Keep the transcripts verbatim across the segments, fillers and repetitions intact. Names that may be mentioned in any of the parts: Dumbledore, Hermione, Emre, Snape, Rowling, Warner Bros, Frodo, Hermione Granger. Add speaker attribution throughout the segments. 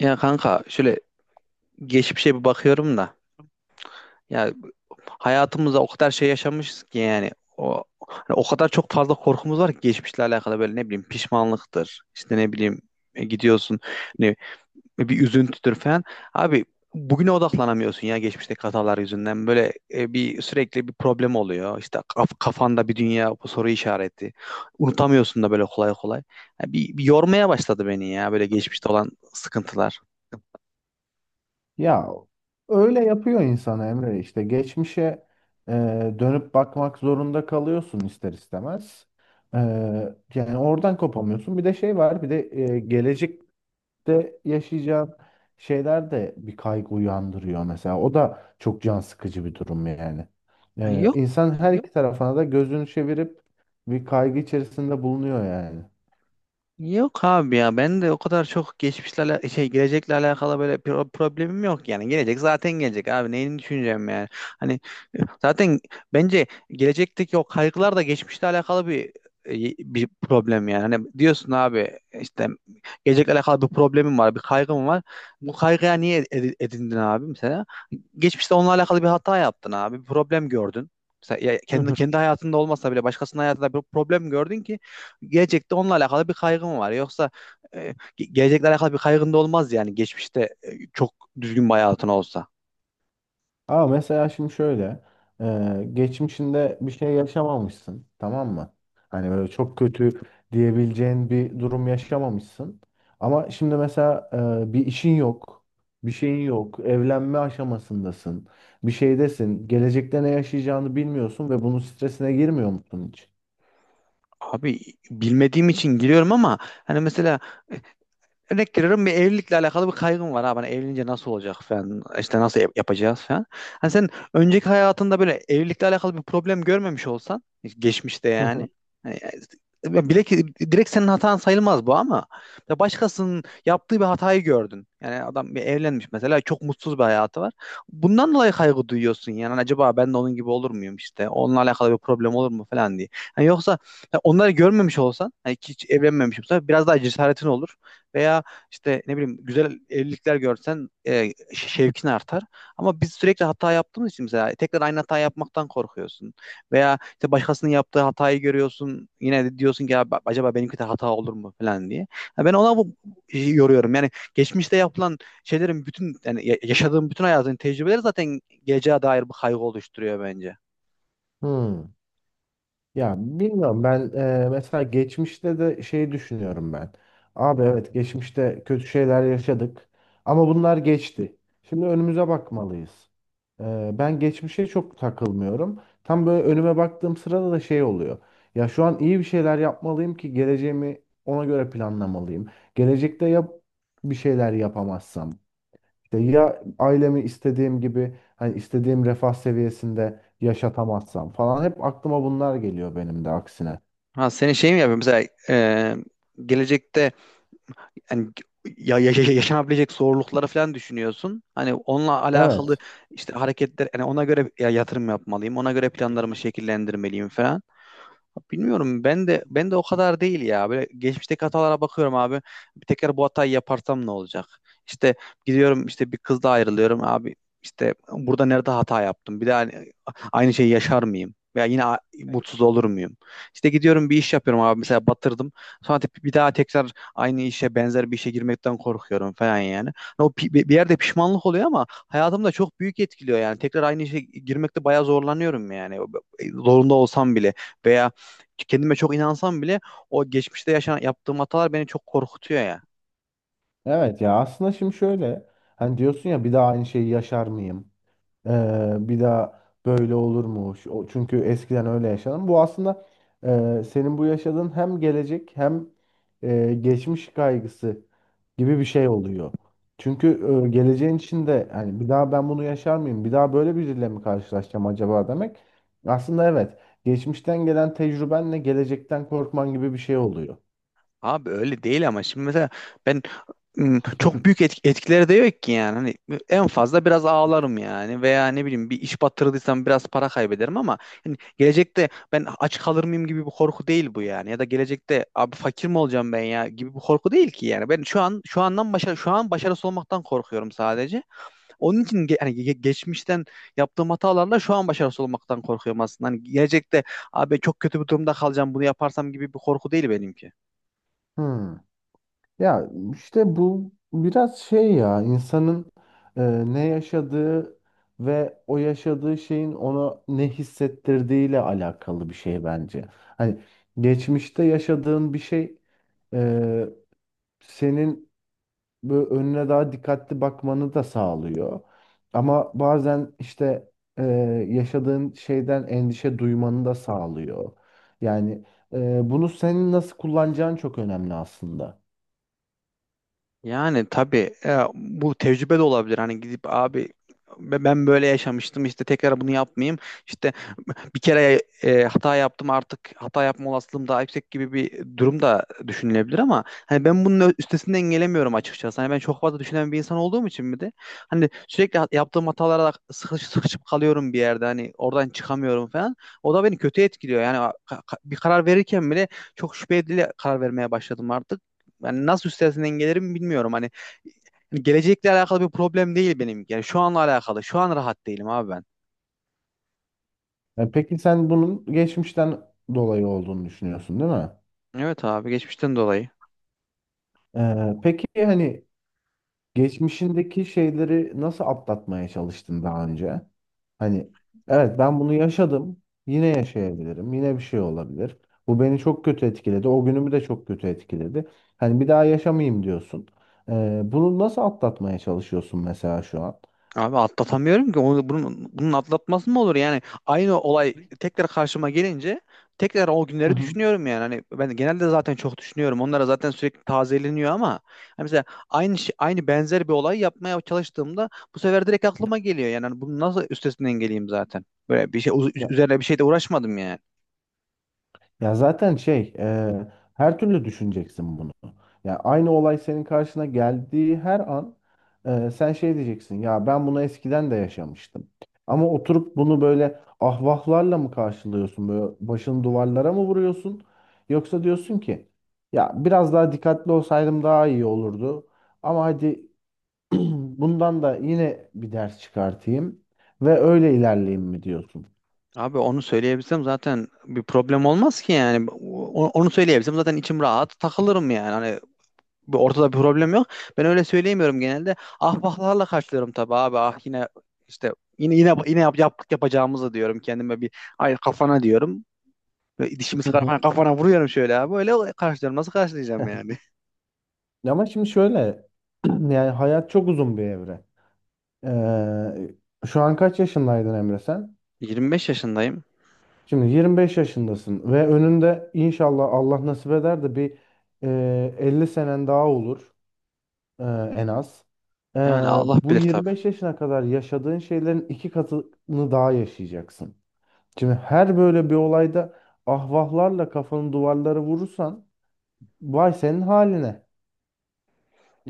Speaker 1: Ya kanka şöyle geçmişe bir bakıyorum da ya hayatımızda o kadar şey yaşamışız ki yani o hani o kadar çok fazla korkumuz var ki geçmişle alakalı böyle ne bileyim pişmanlıktır işte ne bileyim e, gidiyorsun ne bir üzüntüdür falan abi bugüne odaklanamıyorsun ya geçmişteki hatalar yüzünden böyle e, bir sürekli bir problem oluyor işte kaf- kafanda bir dünya soru işareti unutamıyorsun da böyle kolay kolay. Ya bir, bir yormaya başladı beni ya böyle geçmişte olan sıkıntılar.
Speaker 2: Ya öyle yapıyor insan Emre işte geçmişe e, dönüp bakmak zorunda kalıyorsun ister istemez. E, Yani oradan kopamıyorsun. Bir de şey var bir de e, gelecekte yaşayacağın şeyler de bir kaygı uyandırıyor mesela. O da çok can sıkıcı bir durum yani.
Speaker 1: Yani
Speaker 2: E,
Speaker 1: yok.
Speaker 2: insan her iki tarafına da gözünü çevirip bir kaygı içerisinde bulunuyor yani.
Speaker 1: Yok abi ya ben de o kadar çok geçmişle ala- şey gelecekle alakalı böyle pro- problemim yok yani gelecek zaten gelecek abi neyini düşüneceğim yani hani zaten bence gelecekteki o kaygılar da geçmişle alakalı bir bir problem yani hani diyorsun abi işte gelecekle alakalı bir problemim var bir kaygım var bu kaygıya niye edi- edindin abi mesela geçmişte onunla alakalı bir hata yaptın abi bir problem gördün. Mesela ya kendi, kendi hayatında olmasa bile başkasının hayatında bir problem gördün ki gelecekte onunla alakalı bir kaygım var. Yoksa e, ge- gelecekle alakalı bir kaygın da olmaz yani geçmişte e, çok düzgün bir hayatın olsa.
Speaker 2: Ama mesela şimdi şöyle, e, geçmişinde bir şey yaşamamışsın, tamam mı? Hani böyle çok kötü diyebileceğin bir durum yaşamamışsın. Ama şimdi mesela e, bir işin yok, bir şeyin yok, evlenme aşamasındasın, bir şeydesin, gelecekte ne yaşayacağını bilmiyorsun ve bunun stresine girmiyor musun hiç?
Speaker 1: Abi bilmediğim için giriyorum ama hani mesela e, örnek veriyorum, bir evlilikle alakalı bir kaygım var. Ha, ben evlenince nasıl olacak falan, işte nasıl yap- yapacağız falan. Hani sen önceki hayatında böyle evlilikle alakalı bir problem görmemiş olsan geçmişte
Speaker 2: Hı
Speaker 1: yani.
Speaker 2: hı.
Speaker 1: Hani, e, ya bile ki direkt senin hatan sayılmaz bu ama ya başkasının yaptığı bir hatayı gördün. Yani adam bir evlenmiş mesela, çok mutsuz bir hayatı var. Bundan dolayı kaygı duyuyorsun yani. Hani acaba ben de onun gibi olur muyum, işte onunla alakalı bir problem olur mu falan diye. Hani yoksa ya onları görmemiş olsan, hani hiç evlenmemiş olsan biraz daha cesaretin olur, veya işte ne bileyim güzel evlilikler görsen e, şevkin artar. Ama biz sürekli hata yaptığımız için mesela tekrar aynı hata yapmaktan korkuyorsun. Veya işte başkasının yaptığı hatayı görüyorsun. Yine de diyorsun ki ya, ba- acaba benimki de hata olur mu falan diye. Ya ben ona bu e, yoruyorum. Yani geçmişte yapılan şeylerin bütün yani ya- yaşadığım bütün hayatın tecrübeleri zaten geleceğe dair bir kaygı oluşturuyor bence.
Speaker 2: Hmm. Ya bilmiyorum ben e, mesela geçmişte de şey düşünüyorum ben. Abi evet geçmişte kötü şeyler yaşadık ama bunlar geçti. Şimdi önümüze bakmalıyız. E, ben geçmişe çok takılmıyorum. Tam böyle önüme baktığım sırada da şey oluyor. Ya şu an iyi bir şeyler yapmalıyım ki geleceğimi ona göre planlamalıyım. Gelecekte yap bir şeyler yapamazsam. İşte ya ailemi istediğim gibi hani istediğim refah seviyesinde yaşatamazsam falan hep aklıma bunlar geliyor benim de aksine.
Speaker 1: Ha senin şey mi yapıyor mesela e, gelecekte yani ya, ya- ya- yaşanabilecek zorlukları falan düşünüyorsun. Hani onunla alakalı
Speaker 2: Evet.
Speaker 1: işte hareketler yani ona göre ya yatırım yapmalıyım. Ona göre planlarımı şekillendirmeliyim falan. Bilmiyorum, ben de ben de o kadar değil ya. Böyle geçmişteki hatalara bakıyorum abi. Bir tekrar bu hatayı yaparsam ne olacak? İşte gidiyorum, işte bir kızla ayrılıyorum abi. İşte burada nerede hata yaptım? Bir daha hani aynı şeyi yaşar mıyım? Veya yine a- mutsuz olur muyum? İşte gidiyorum bir iş yapıyorum abi, mesela batırdım. Sonra te- bir daha tekrar aynı işe, benzer bir işe girmekten korkuyorum falan yani. O pi- bir yerde pişmanlık oluyor ama hayatımda çok büyük etkiliyor yani. Tekrar aynı işe girmekte bayağı zorlanıyorum yani. Zorunda olsam bile. Veya kendime çok inansam bile o geçmişte yaşanan, yaptığım hatalar beni çok korkutuyor ya.
Speaker 2: Evet ya aslında şimdi şöyle hani diyorsun ya bir daha aynı şeyi yaşar mıyım? Ee, bir daha böyle olur mu? Şu- o- Çünkü eskiden öyle yaşadım. Bu aslında e, senin bu yaşadığın hem gelecek hem e, geçmiş kaygısı gibi bir şey oluyor. Çünkü e, geleceğin içinde hani bir daha ben bunu yaşar mıyım? Bir daha böyle biriyle mi karşılaşacağım acaba demek. Aslında evet. Geçmişten gelen tecrübenle gelecekten korkman gibi bir şey oluyor.
Speaker 1: Abi öyle değil ama şimdi mesela ben ım, çok büyük etk- etkileri de yok ki yani. Hani en fazla biraz ağlarım yani, veya ne bileyim bir iş batırdıysam biraz para kaybederim ama hani gelecekte ben aç kalır mıyım gibi bir korku değil bu yani. Ya da gelecekte abi fakir mi olacağım ben ya gibi bir korku değil ki yani. Ben şu an, şu andan başa, şu an başarısız olmaktan korkuyorum sadece. Onun için ge- hani ge- geçmişten yaptığım hatalarla şu an başarısız olmaktan korkuyorum aslında. Hani gelecekte abi çok kötü bir durumda kalacağım bunu yaparsam gibi bir korku değil benimki.
Speaker 2: Hmm. Ya işte bu biraz şey ya insanın e, ne yaşadığı ve o yaşadığı şeyin ona ne hissettirdiğiyle alakalı bir şey bence. Hani geçmişte yaşadığın bir şey e, senin böyle önüne daha dikkatli bakmanı da sağlıyor. Ama bazen işte e, yaşadığın şeyden endişe duymanı da sağlıyor. Yani e, bunu senin nasıl kullanacağın çok önemli aslında.
Speaker 1: Yani tabii e, bu tecrübe de olabilir. Hani gidip abi ben ben böyle yaşamıştım, işte tekrar bunu yapmayayım. İşte bir kere e, hata yaptım, artık hata yapma olasılığım daha yüksek gibi bir durum da düşünülebilir ama hani ben bunun ö- üstesinden gelemiyorum açıkçası. Hani ben çok fazla düşünen bir insan olduğum için mi de hani sürekli hat- yaptığım hatalara sıkış, sıkışıp kalıyorum bir yerde, hani oradan çıkamıyorum falan. O da beni kötü etkiliyor. Yani ka- ka- bir karar verirken bile çok şüpheli karar vermeye başladım artık. Yani nasıl üstesinden gelirim bilmiyorum. Hani hani gelecekle alakalı bir problem değil benim. Yani şu anla alakalı. Şu an rahat değilim abi ben.
Speaker 2: E, Peki sen bunun geçmişten dolayı olduğunu düşünüyorsun, değil mi?
Speaker 1: Evet abi, geçmişten dolayı.
Speaker 2: E, peki hani geçmişindeki şeyleri nasıl atlatmaya çalıştın daha önce? Hani evet ben bunu yaşadım, yine yaşayabilirim, yine bir şey olabilir. Bu beni çok kötü etkiledi, o günümü de çok kötü etkiledi. Hani bir daha yaşamayayım diyorsun. E, bunu nasıl atlatmaya çalışıyorsun mesela şu an?
Speaker 1: Abi atlatamıyorum ki. Onu, bunun, bunun atlatması mı olur? Yani aynı olay tekrar karşıma gelince tekrar o
Speaker 2: Hı
Speaker 1: günleri
Speaker 2: hı.
Speaker 1: düşünüyorum yani. Hani ben genelde zaten çok düşünüyorum. Onlara zaten sürekli tazeleniyor ama hani mesela aynı şey- aynı, benzer bir olay yapmaya çalıştığımda bu sefer direkt aklıma geliyor. Yani hani bunun nasıl üstesinden geleyim zaten? Böyle bir şey uz- üzerine bir şey de uğraşmadım yani.
Speaker 2: Ya zaten şey, e, her türlü düşüneceksin bunu. Ya aynı olay senin karşına geldiği her an e, sen şey diyeceksin. Ya ben bunu eskiden de yaşamıştım. Ama oturup bunu böyle ahvahlarla mı karşılıyorsun? Böyle başını duvarlara mı vuruyorsun? Yoksa diyorsun ki ya biraz daha dikkatli olsaydım daha iyi olurdu. Ama hadi bundan da yine bir ders çıkartayım ve öyle ilerleyeyim mi diyorsun?
Speaker 1: Abi onu söyleyebilsem zaten bir problem olmaz ki yani. O- Onu söyleyebilsem zaten içim rahat takılırım yani, bir- ortada bir problem yok. Ben öyle söyleyemiyorum genelde. Ahbaplarla karşılıyorum tabii abi. Ah yine işte yine yine yine yap, yaptık yapacağımızı diyorum kendime, bir ay kafana diyorum. Ve dişimi
Speaker 2: Hı
Speaker 1: sıkarak
Speaker 2: hı.
Speaker 1: hani kafana vuruyorum şöyle abi. Öyle karşılıyorum. Nasıl karşılayacağım yani?
Speaker 2: Ama şimdi şöyle yani hayat çok uzun bir evre. Ee, şu an kaç yaşındaydın Emre sen?
Speaker 1: yirmi beş yaşındayım.
Speaker 2: Şimdi yirmi beş yaşındasın ve önünde inşallah Allah nasip eder de bir e, elli senen daha olur e, en az. Ee,
Speaker 1: Yani Allah
Speaker 2: bu
Speaker 1: bilir tabii.
Speaker 2: yirmi beş yaşına kadar yaşadığın şeylerin iki katını daha yaşayacaksın. Şimdi her böyle bir olayda ahvahlarla kafanın duvarları vurursan vay senin haline.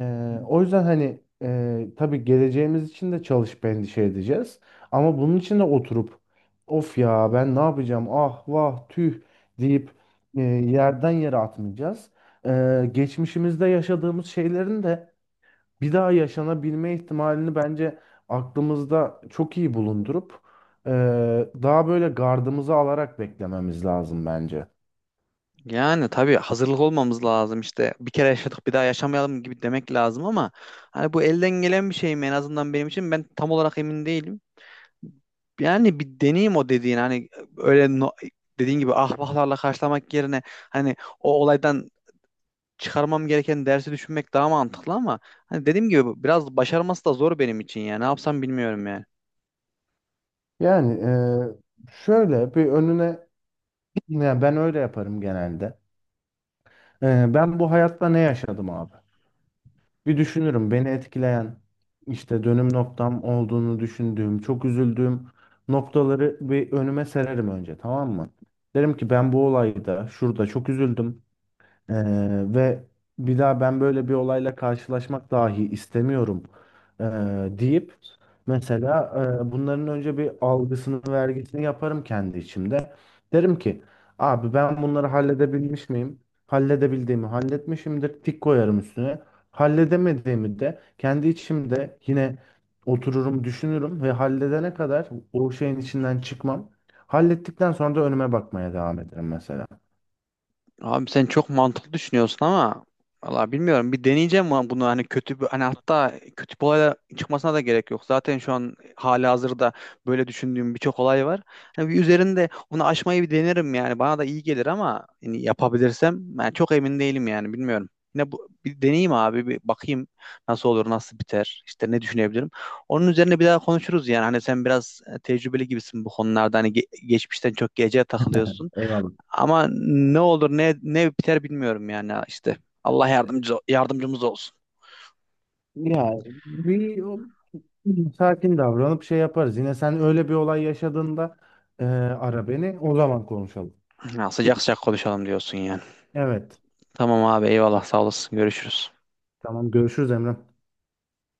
Speaker 2: Ee, o yüzden hani e, tabii geleceğimiz için de çalışıp endişe edeceğiz. Ama bunun için de oturup of ya ben ne yapacağım ah vah tüh deyip e, yerden yere atmayacağız. Ee, geçmişimizde yaşadığımız şeylerin de bir daha yaşanabilme ihtimalini bence aklımızda çok iyi bulundurup e, daha böyle gardımızı alarak beklememiz lazım bence.
Speaker 1: Yani tabii hazırlık olmamız lazım işte. Bir kere yaşadık, bir daha yaşamayalım gibi demek lazım ama hani bu elden gelen bir şey mi, en azından benim için ben tam olarak emin değilim. Yani bir deneyim o dediğin hani, öyle no- dediğin gibi ahbaplarla karşılamak yerine hani o olaydan çıkarmam gereken dersi düşünmek daha mantıklı ama hani dediğim gibi biraz başarması da zor benim için yani ne yapsam bilmiyorum yani.
Speaker 2: Yani e, şöyle bir önüne yani ben öyle yaparım genelde. Ee, ben bu hayatta ne yaşadım abi? Bir düşünürüm beni etkileyen işte dönüm noktam olduğunu düşündüğüm, çok üzüldüğüm noktaları bir önüme sererim önce tamam mı? Derim ki ben bu olayda şurada çok üzüldüm. Ee, ve bir daha ben böyle bir olayla karşılaşmak dahi istemiyorum ee, deyip mesela e, bunların önce bir algısını vergisini yaparım kendi içimde. Derim ki abi ben bunları halledebilmiş miyim? Halledebildiğimi halletmişimdir. Tik koyarım üstüne. Halledemediğimi de kendi içimde yine otururum düşünürüm ve halledene kadar o şeyin içinden çıkmam. Hallettikten sonra da önüme bakmaya devam ederim mesela.
Speaker 1: Abi sen çok mantıklı düşünüyorsun ama valla bilmiyorum, bir deneyeceğim ama bunu hani kötü bir, hani hatta kötü bir olay çıkmasına da gerek yok. Zaten şu an hali hazırda böyle düşündüğüm birçok olay var. Hani bir üzerinde onu aşmayı bir denerim yani, bana da iyi gelir ama hani yapabilirsem, ben çok emin değilim yani, bilmiyorum. Yine bu, bir deneyeyim abi, bir bakayım nasıl olur nasıl biter, işte ne düşünebilirim. Onun üzerine bir daha konuşuruz yani, hani sen biraz tecrübeli gibisin bu konularda, hani ge- geçmişten çok gece takılıyorsun.
Speaker 2: Eyvallah.
Speaker 1: Ama ne olur ne ne biter bilmiyorum yani işte. Allah yardımcı, yardımcımız olsun.
Speaker 2: Ya bir o- sakin davranıp şey yaparız. Yine sen öyle bir olay yaşadığında e, ara beni. O zaman konuşalım.
Speaker 1: Ya, sıcak sıcak konuşalım diyorsun yani.
Speaker 2: Evet.
Speaker 1: Tamam abi, eyvallah, sağ olasın, görüşürüz.
Speaker 2: Tamam görüşürüz Emre.